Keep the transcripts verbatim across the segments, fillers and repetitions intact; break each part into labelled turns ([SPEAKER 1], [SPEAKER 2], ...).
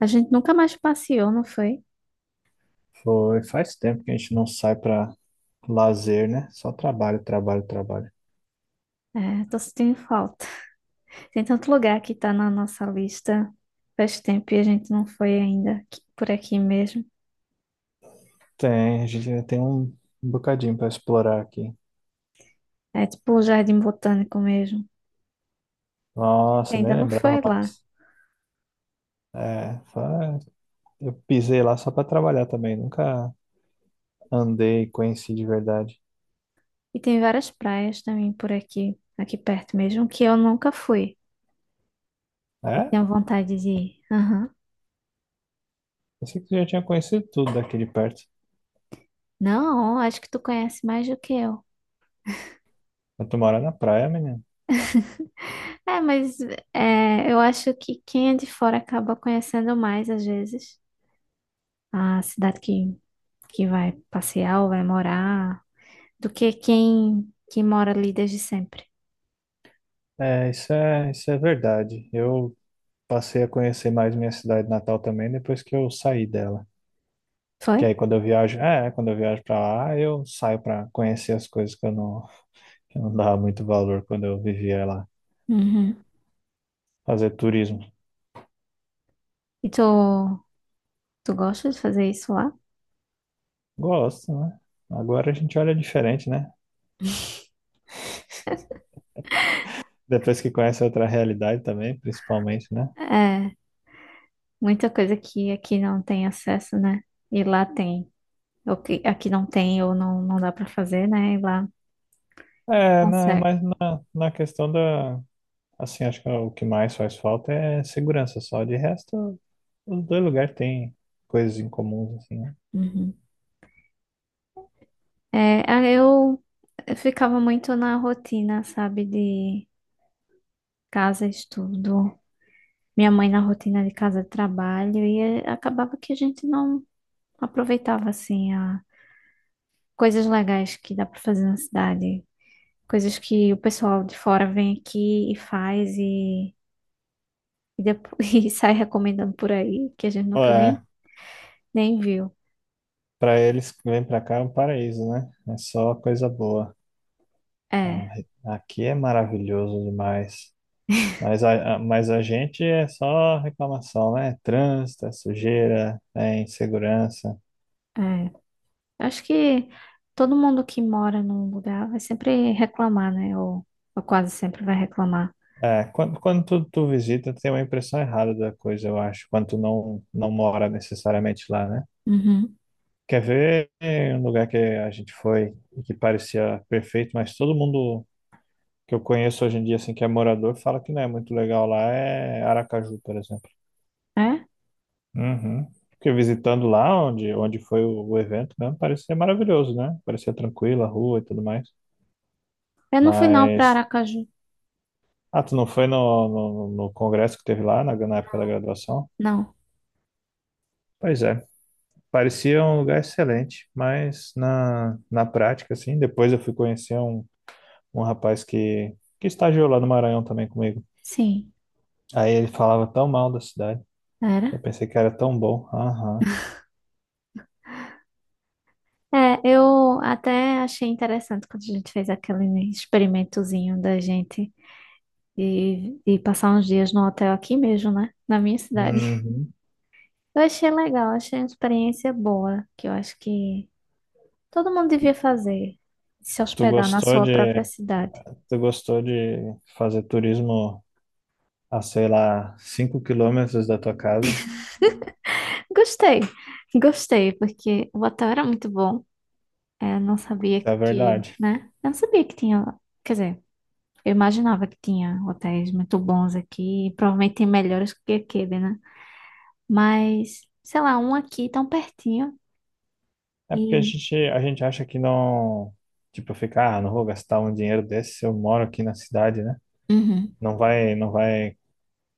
[SPEAKER 1] A gente nunca mais passeou, não foi?
[SPEAKER 2] Foi, faz tempo que a gente não sai pra lazer, né? Só trabalho, trabalho, trabalho.
[SPEAKER 1] É, tô sentindo falta. Tem tanto lugar que tá na nossa lista faz tempo e a gente não foi ainda aqui- por aqui mesmo.
[SPEAKER 2] Tem, a gente ainda tem um bocadinho pra explorar aqui.
[SPEAKER 1] É tipo o Jardim Botânico mesmo.
[SPEAKER 2] Nossa,
[SPEAKER 1] Ainda
[SPEAKER 2] nem
[SPEAKER 1] não
[SPEAKER 2] lembrava
[SPEAKER 1] foi lá.
[SPEAKER 2] mais. É, fa- eu pisei lá só pra trabalhar também, nunca andei e conheci de verdade.
[SPEAKER 1] E tem várias praias também por aqui, aqui perto mesmo, que eu nunca fui. E
[SPEAKER 2] É?
[SPEAKER 1] tenho vontade de ir. Aham.
[SPEAKER 2] Pensei que você já tinha conhecido tudo daqui de perto.
[SPEAKER 1] Não, acho que tu conhece mais do que eu.
[SPEAKER 2] Eu tô morando na praia, menino.
[SPEAKER 1] É, mas é, eu acho que quem é de fora acaba conhecendo mais às vezes. A cidade que, que vai passear ou vai morar, do que quem que mora ali desde sempre.
[SPEAKER 2] É, isso é, isso é verdade. Eu passei a conhecer mais minha cidade natal também depois que eu saí dela.
[SPEAKER 1] Foi?
[SPEAKER 2] Que aí quando eu viajo, é, quando eu viajo pra lá, eu saio pra conhecer as coisas que eu não, que eu não dava muito valor quando eu vivia lá.
[SPEAKER 1] Uhum.
[SPEAKER 2] Fazer turismo.
[SPEAKER 1] E tu, tu gosta de fazer isso lá?
[SPEAKER 2] Gosto, né? Agora a gente olha diferente, né? Depois que conhece outra realidade também, principalmente, né?
[SPEAKER 1] É, muita coisa que aqui não tem acesso, né? E lá tem. O que aqui não tem ou não, não dá pra fazer, né? E lá
[SPEAKER 2] É, não, é
[SPEAKER 1] consegue.
[SPEAKER 2] mais na, na questão da. Assim, acho que o que mais faz falta é segurança só. De resto, os dois lugares têm coisas em comum, assim, né?
[SPEAKER 1] Uhum. É, ah, eu eu ficava muito na rotina, sabe, de casa, estudo. Minha mãe na rotina de casa, trabalho, e eh, acabava que a gente não aproveitava assim a coisas legais que dá para fazer na cidade, coisas que o pessoal de fora vem aqui e faz e, e, depois, e sai recomendando por aí, que a gente nunca nem,
[SPEAKER 2] É,
[SPEAKER 1] nem viu.
[SPEAKER 2] para eles que vêm pra cá é um paraíso, né? É só coisa boa. Ah,
[SPEAKER 1] É,
[SPEAKER 2] aqui é maravilhoso demais. Mas a, a- mas a gente é só reclamação, né? Trânsito, é sujeira, é insegurança.
[SPEAKER 1] é. Acho que todo mundo que mora num lugar vai sempre reclamar, né? Ou, ou quase sempre vai reclamar.
[SPEAKER 2] É, quando, quando tu, tu visita, tem uma impressão errada da coisa, eu acho, quando tu não, não mora necessariamente lá, né?
[SPEAKER 1] Uhum.
[SPEAKER 2] Quer ver um lugar que a gente foi e que parecia perfeito, mas todo mundo que eu conheço hoje em dia, assim, que é morador, fala que não é muito legal lá, é Aracaju, por exemplo.
[SPEAKER 1] É?
[SPEAKER 2] Uhum. Porque visitando lá onde, onde foi o, o evento mesmo, parecia maravilhoso, né? Parecia tranquila a rua e tudo mais.
[SPEAKER 1] Eu não fui não para
[SPEAKER 2] Mas.
[SPEAKER 1] Aracaju.
[SPEAKER 2] Ah, tu não foi no, no, no congresso que teve lá na, na época da graduação?
[SPEAKER 1] Não.
[SPEAKER 2] Pois é. Parecia um lugar excelente, mas na, na prática, assim, depois eu fui conhecer um, um rapaz que, que estagiou lá no Maranhão também comigo.
[SPEAKER 1] Sim.
[SPEAKER 2] Aí ele falava tão mal da cidade. Eu
[SPEAKER 1] Era?
[SPEAKER 2] pensei que era tão bom. Aham.
[SPEAKER 1] É, eu até achei interessante quando a gente fez aquele experimentozinho da gente de, de passar uns dias no hotel aqui mesmo, né? Na minha cidade.
[SPEAKER 2] Uhum.
[SPEAKER 1] Eu achei legal, achei uma experiência boa, que eu acho que todo mundo devia fazer, se
[SPEAKER 2] Tu
[SPEAKER 1] hospedar na
[SPEAKER 2] gostou
[SPEAKER 1] sua
[SPEAKER 2] de,
[SPEAKER 1] própria cidade.
[SPEAKER 2] tu gostou de fazer turismo? A, sei lá, cinco quilômetros da tua casa,
[SPEAKER 1] Gostei, gostei, porque o hotel era muito bom. É, eu não sabia
[SPEAKER 2] isso é
[SPEAKER 1] que,
[SPEAKER 2] verdade.
[SPEAKER 1] né? Eu não sabia que tinha, quer dizer, eu imaginava que tinha hotéis muito bons aqui, provavelmente melhores que aquele, né? Mas, sei lá, um aqui tão pertinho
[SPEAKER 2] É porque a
[SPEAKER 1] e.
[SPEAKER 2] gente, a gente acha que não, tipo, ficar, ah, não vou gastar um dinheiro desse se eu moro aqui na cidade, né?
[SPEAKER 1] Uhum.
[SPEAKER 2] Não vai, não vai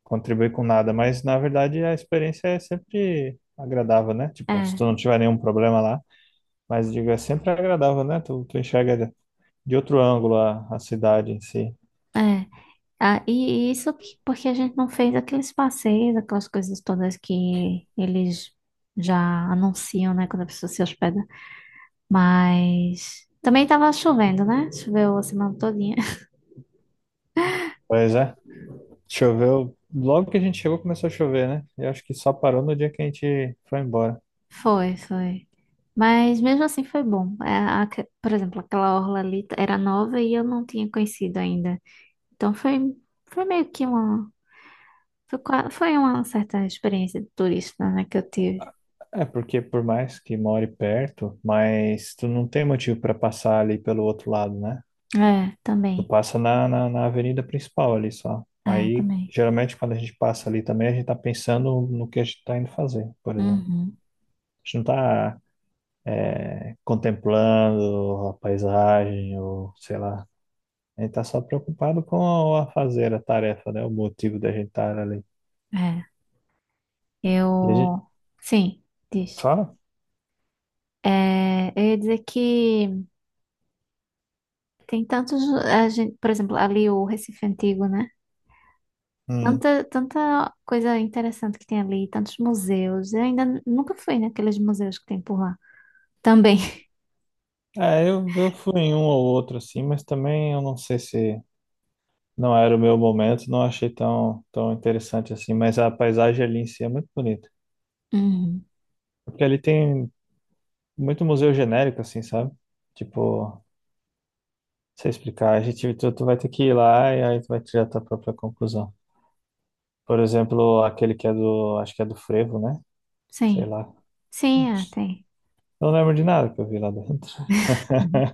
[SPEAKER 2] contribuir com nada, mas na verdade a experiência é sempre agradável, né? Tipo, se tu
[SPEAKER 1] É,
[SPEAKER 2] não tiver nenhum problema lá, mas digo, é sempre agradável, né? Tu, tu enxerga de de outro ângulo a, a cidade em si.
[SPEAKER 1] é. Ah, e isso que- porque a gente não fez aqueles passeios, aquelas coisas todas que eles já anunciam, né, quando a pessoa se hospeda. Mas também tava chovendo, né? Choveu a semana todinha.
[SPEAKER 2] Pois é, choveu, logo que a gente chegou começou a chover, né? Eu acho que só parou no dia que a gente foi embora.
[SPEAKER 1] Foi, foi. Mas mesmo assim foi bom. É, aque- por exemplo, aquela orla ali t- era nova e eu não tinha conhecido ainda. Então foi, foi meio que uma Foi, qua- foi uma certa experiência de turista, né, que eu tive.
[SPEAKER 2] É porque por mais que more perto, mas tu não tem motivo para passar ali pelo outro lado, né?
[SPEAKER 1] É,
[SPEAKER 2] Tu
[SPEAKER 1] também.
[SPEAKER 2] passa na, na, na avenida principal ali só.
[SPEAKER 1] É,
[SPEAKER 2] Aí,
[SPEAKER 1] também.
[SPEAKER 2] geralmente, quando a gente passa ali também, a gente tá pensando no que a gente tá indo fazer, por exemplo.
[SPEAKER 1] Uhum.
[SPEAKER 2] A gente não tá contemplando a paisagem ou sei lá. A gente tá só preocupado com a fazer a tarefa, né? O motivo da gente estar ali.
[SPEAKER 1] É.
[SPEAKER 2] E a gente
[SPEAKER 1] Eu. Sim, diz.
[SPEAKER 2] fala?
[SPEAKER 1] É, eu ia dizer que tem tantos. A gente, por exemplo, ali o Recife Antigo, né?
[SPEAKER 2] Hum.
[SPEAKER 1] Tanta, tanta coisa interessante que tem ali, tantos museus. Eu ainda n- nunca fui naqueles museus que tem por lá. Também.
[SPEAKER 2] É, eu, eu fui em um ou outro assim, mas também eu não sei se não era o meu momento, não achei tão, tão interessante assim, mas a paisagem ali em si é muito bonita.
[SPEAKER 1] Uhum.
[SPEAKER 2] Porque ali tem muito museu genérico, assim, sabe? Tipo, sei explicar, a gente, tu, tu vai ter que ir lá e aí tu vai tirar tua própria conclusão. Por exemplo, aquele que é do, acho que é do Frevo, né? Sei
[SPEAKER 1] Sim.
[SPEAKER 2] lá.
[SPEAKER 1] Sim, é, tem.
[SPEAKER 2] Não lembro de nada que eu vi lá dentro.
[SPEAKER 1] Uhum.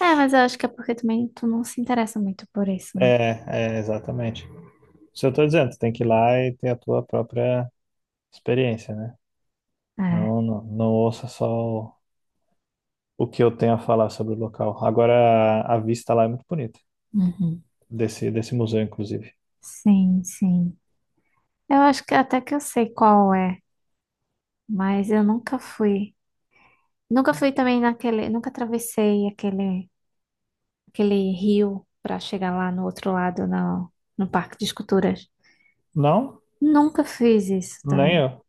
[SPEAKER 1] É, mas eu acho que é porque também tu não se interessa muito por isso, né?
[SPEAKER 2] É, é, exatamente. Isso eu tô dizendo, tu tem que ir lá e ter a tua própria experiência, né?
[SPEAKER 1] É.
[SPEAKER 2] Não, não, não ouça só o que eu tenho a falar sobre o local. Agora, a vista lá é muito bonita,
[SPEAKER 1] Uhum.
[SPEAKER 2] desse, desse museu, inclusive.
[SPEAKER 1] Sim, sim. Eu acho que até que eu sei qual é, mas eu nunca fui. Nunca fui também naquele, nunca atravessei aquele, aquele rio para chegar lá no outro lado, no, no Parque de Esculturas.
[SPEAKER 2] Não?
[SPEAKER 1] Nunca fiz isso
[SPEAKER 2] Nem
[SPEAKER 1] também.
[SPEAKER 2] eu.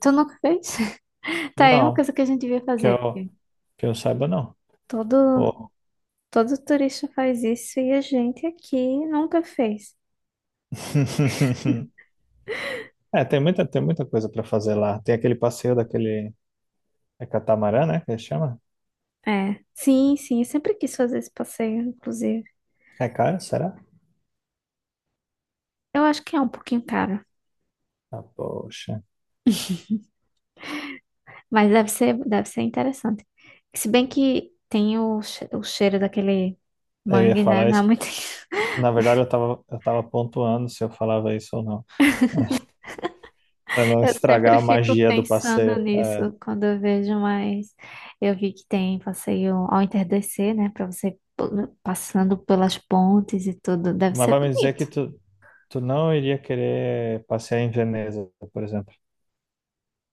[SPEAKER 1] Tu nunca fez? Tá, é uma
[SPEAKER 2] Não,
[SPEAKER 1] coisa que a gente devia
[SPEAKER 2] que
[SPEAKER 1] fazer,
[SPEAKER 2] eu,
[SPEAKER 1] porque
[SPEAKER 2] que eu saiba, não.
[SPEAKER 1] todo,
[SPEAKER 2] Oh.
[SPEAKER 1] todo turista faz isso e a gente aqui nunca fez.
[SPEAKER 2] É, tem muita, tem muita coisa para fazer lá. Tem aquele passeio daquele. É catamarã, né? Que ele chama?
[SPEAKER 1] É, sim, sim, eu sempre quis fazer esse passeio, inclusive.
[SPEAKER 2] É caro, será?
[SPEAKER 1] Eu acho que é um pouquinho caro.
[SPEAKER 2] Ah, poxa.
[SPEAKER 1] Mas deve ser, deve ser interessante. Se bem que tem o, che- o cheiro daquele
[SPEAKER 2] Eu ia
[SPEAKER 1] mangue, né?
[SPEAKER 2] falar
[SPEAKER 1] Não é
[SPEAKER 2] isso.
[SPEAKER 1] muito.
[SPEAKER 2] Na verdade, eu tava, eu tava pontuando se eu falava isso ou não, para não
[SPEAKER 1] Eu
[SPEAKER 2] estragar
[SPEAKER 1] sempre
[SPEAKER 2] a
[SPEAKER 1] fico
[SPEAKER 2] magia do
[SPEAKER 1] pensando
[SPEAKER 2] passeio.
[SPEAKER 1] nisso
[SPEAKER 2] É,
[SPEAKER 1] quando eu vejo, mas eu vi que tem passeio ao entardecer, né? Pra você p- passando pelas pontes e tudo. Deve
[SPEAKER 2] mas
[SPEAKER 1] ser
[SPEAKER 2] vai me dizer
[SPEAKER 1] bonito.
[SPEAKER 2] que tu, tu não iria querer passear em Veneza, por exemplo.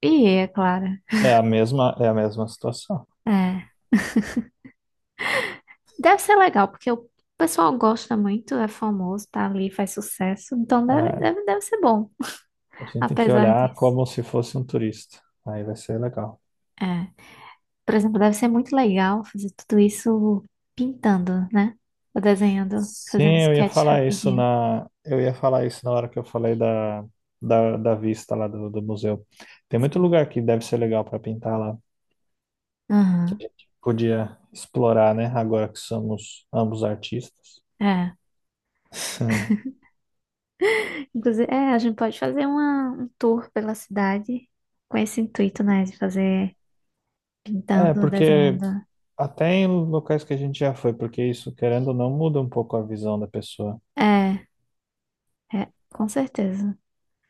[SPEAKER 1] E é claro.
[SPEAKER 2] É a mesma, é a mesma situação.
[SPEAKER 1] É. Deve ser legal, porque o pessoal gosta muito, é famoso, tá ali, faz sucesso. Então deve,
[SPEAKER 2] Ah,
[SPEAKER 1] deve, deve ser bom,
[SPEAKER 2] a gente tem que
[SPEAKER 1] apesar
[SPEAKER 2] olhar
[SPEAKER 1] disso.
[SPEAKER 2] como se fosse um turista. Aí vai ser legal.
[SPEAKER 1] É. Por exemplo, deve ser muito legal fazer tudo isso pintando, né? Ou desenhando, fazendo
[SPEAKER 2] Sim, eu ia
[SPEAKER 1] sketch
[SPEAKER 2] falar isso
[SPEAKER 1] rapidinho.
[SPEAKER 2] na, eu ia falar isso na hora que eu falei da, da, da vista lá do, do museu. Tem muito
[SPEAKER 1] Sim.
[SPEAKER 2] lugar que deve ser legal para pintar lá, que
[SPEAKER 1] Aham.
[SPEAKER 2] a gente podia explorar, né? Agora que somos ambos artistas.
[SPEAKER 1] É. Inclusive, é, a gente pode fazer uma, um tour pela cidade com esse intuito, né? De fazer
[SPEAKER 2] É,
[SPEAKER 1] pintando ou
[SPEAKER 2] porque
[SPEAKER 1] desenhando.
[SPEAKER 2] até em locais que a gente já foi, porque isso, querendo ou não, muda um pouco a visão da pessoa.
[SPEAKER 1] É, é, com certeza.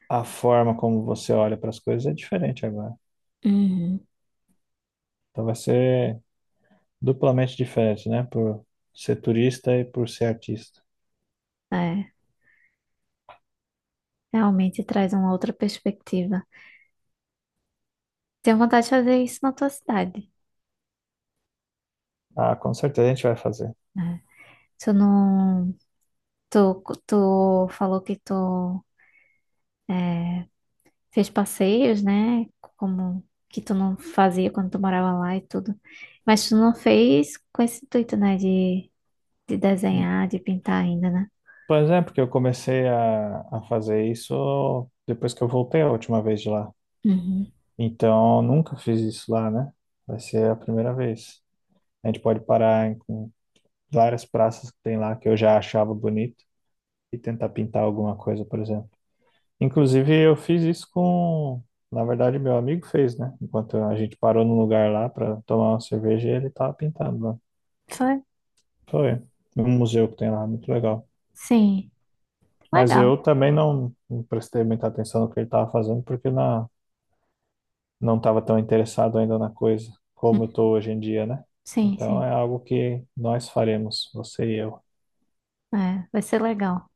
[SPEAKER 2] A forma como você olha para as coisas é diferente agora.
[SPEAKER 1] Uhum.
[SPEAKER 2] Então vai ser duplamente diferente, né? Por ser turista e por ser artista.
[SPEAKER 1] É, realmente traz uma outra perspectiva. Tenho vontade de fazer isso na tua cidade,
[SPEAKER 2] Ah, com certeza a gente vai fazer.
[SPEAKER 1] né? Tu não. Tu, tu falou que tu fez passeios, né? Como que tu não fazia quando tu morava lá e tudo. Mas tu não fez com esse intuito, né? De, de desenhar, de pintar ainda, né?
[SPEAKER 2] Pois é, porque eu comecei a, a fazer isso depois que eu voltei a última vez de lá.
[SPEAKER 1] Uhum.
[SPEAKER 2] Então, nunca fiz isso lá, né? Vai ser a primeira vez. A gente pode parar em, em várias praças que tem lá que eu já achava bonito, e tentar pintar alguma coisa, por exemplo. Inclusive, eu fiz isso com, na verdade, meu amigo fez, né? Enquanto a gente parou num lugar lá para tomar uma cerveja, ele tava pintando lá.
[SPEAKER 1] Foi?
[SPEAKER 2] Foi um museu que tem lá, muito legal.
[SPEAKER 1] Sim.
[SPEAKER 2] Mas
[SPEAKER 1] Legal.
[SPEAKER 2] eu também não, não prestei muita atenção no que ele estava fazendo, porque na, não estava tão interessado ainda na coisa
[SPEAKER 1] Hum,
[SPEAKER 2] como eu estou hoje em dia, né?
[SPEAKER 1] Sim,
[SPEAKER 2] Então é
[SPEAKER 1] sim.
[SPEAKER 2] algo que nós faremos, você e eu.
[SPEAKER 1] É, vai ser legal.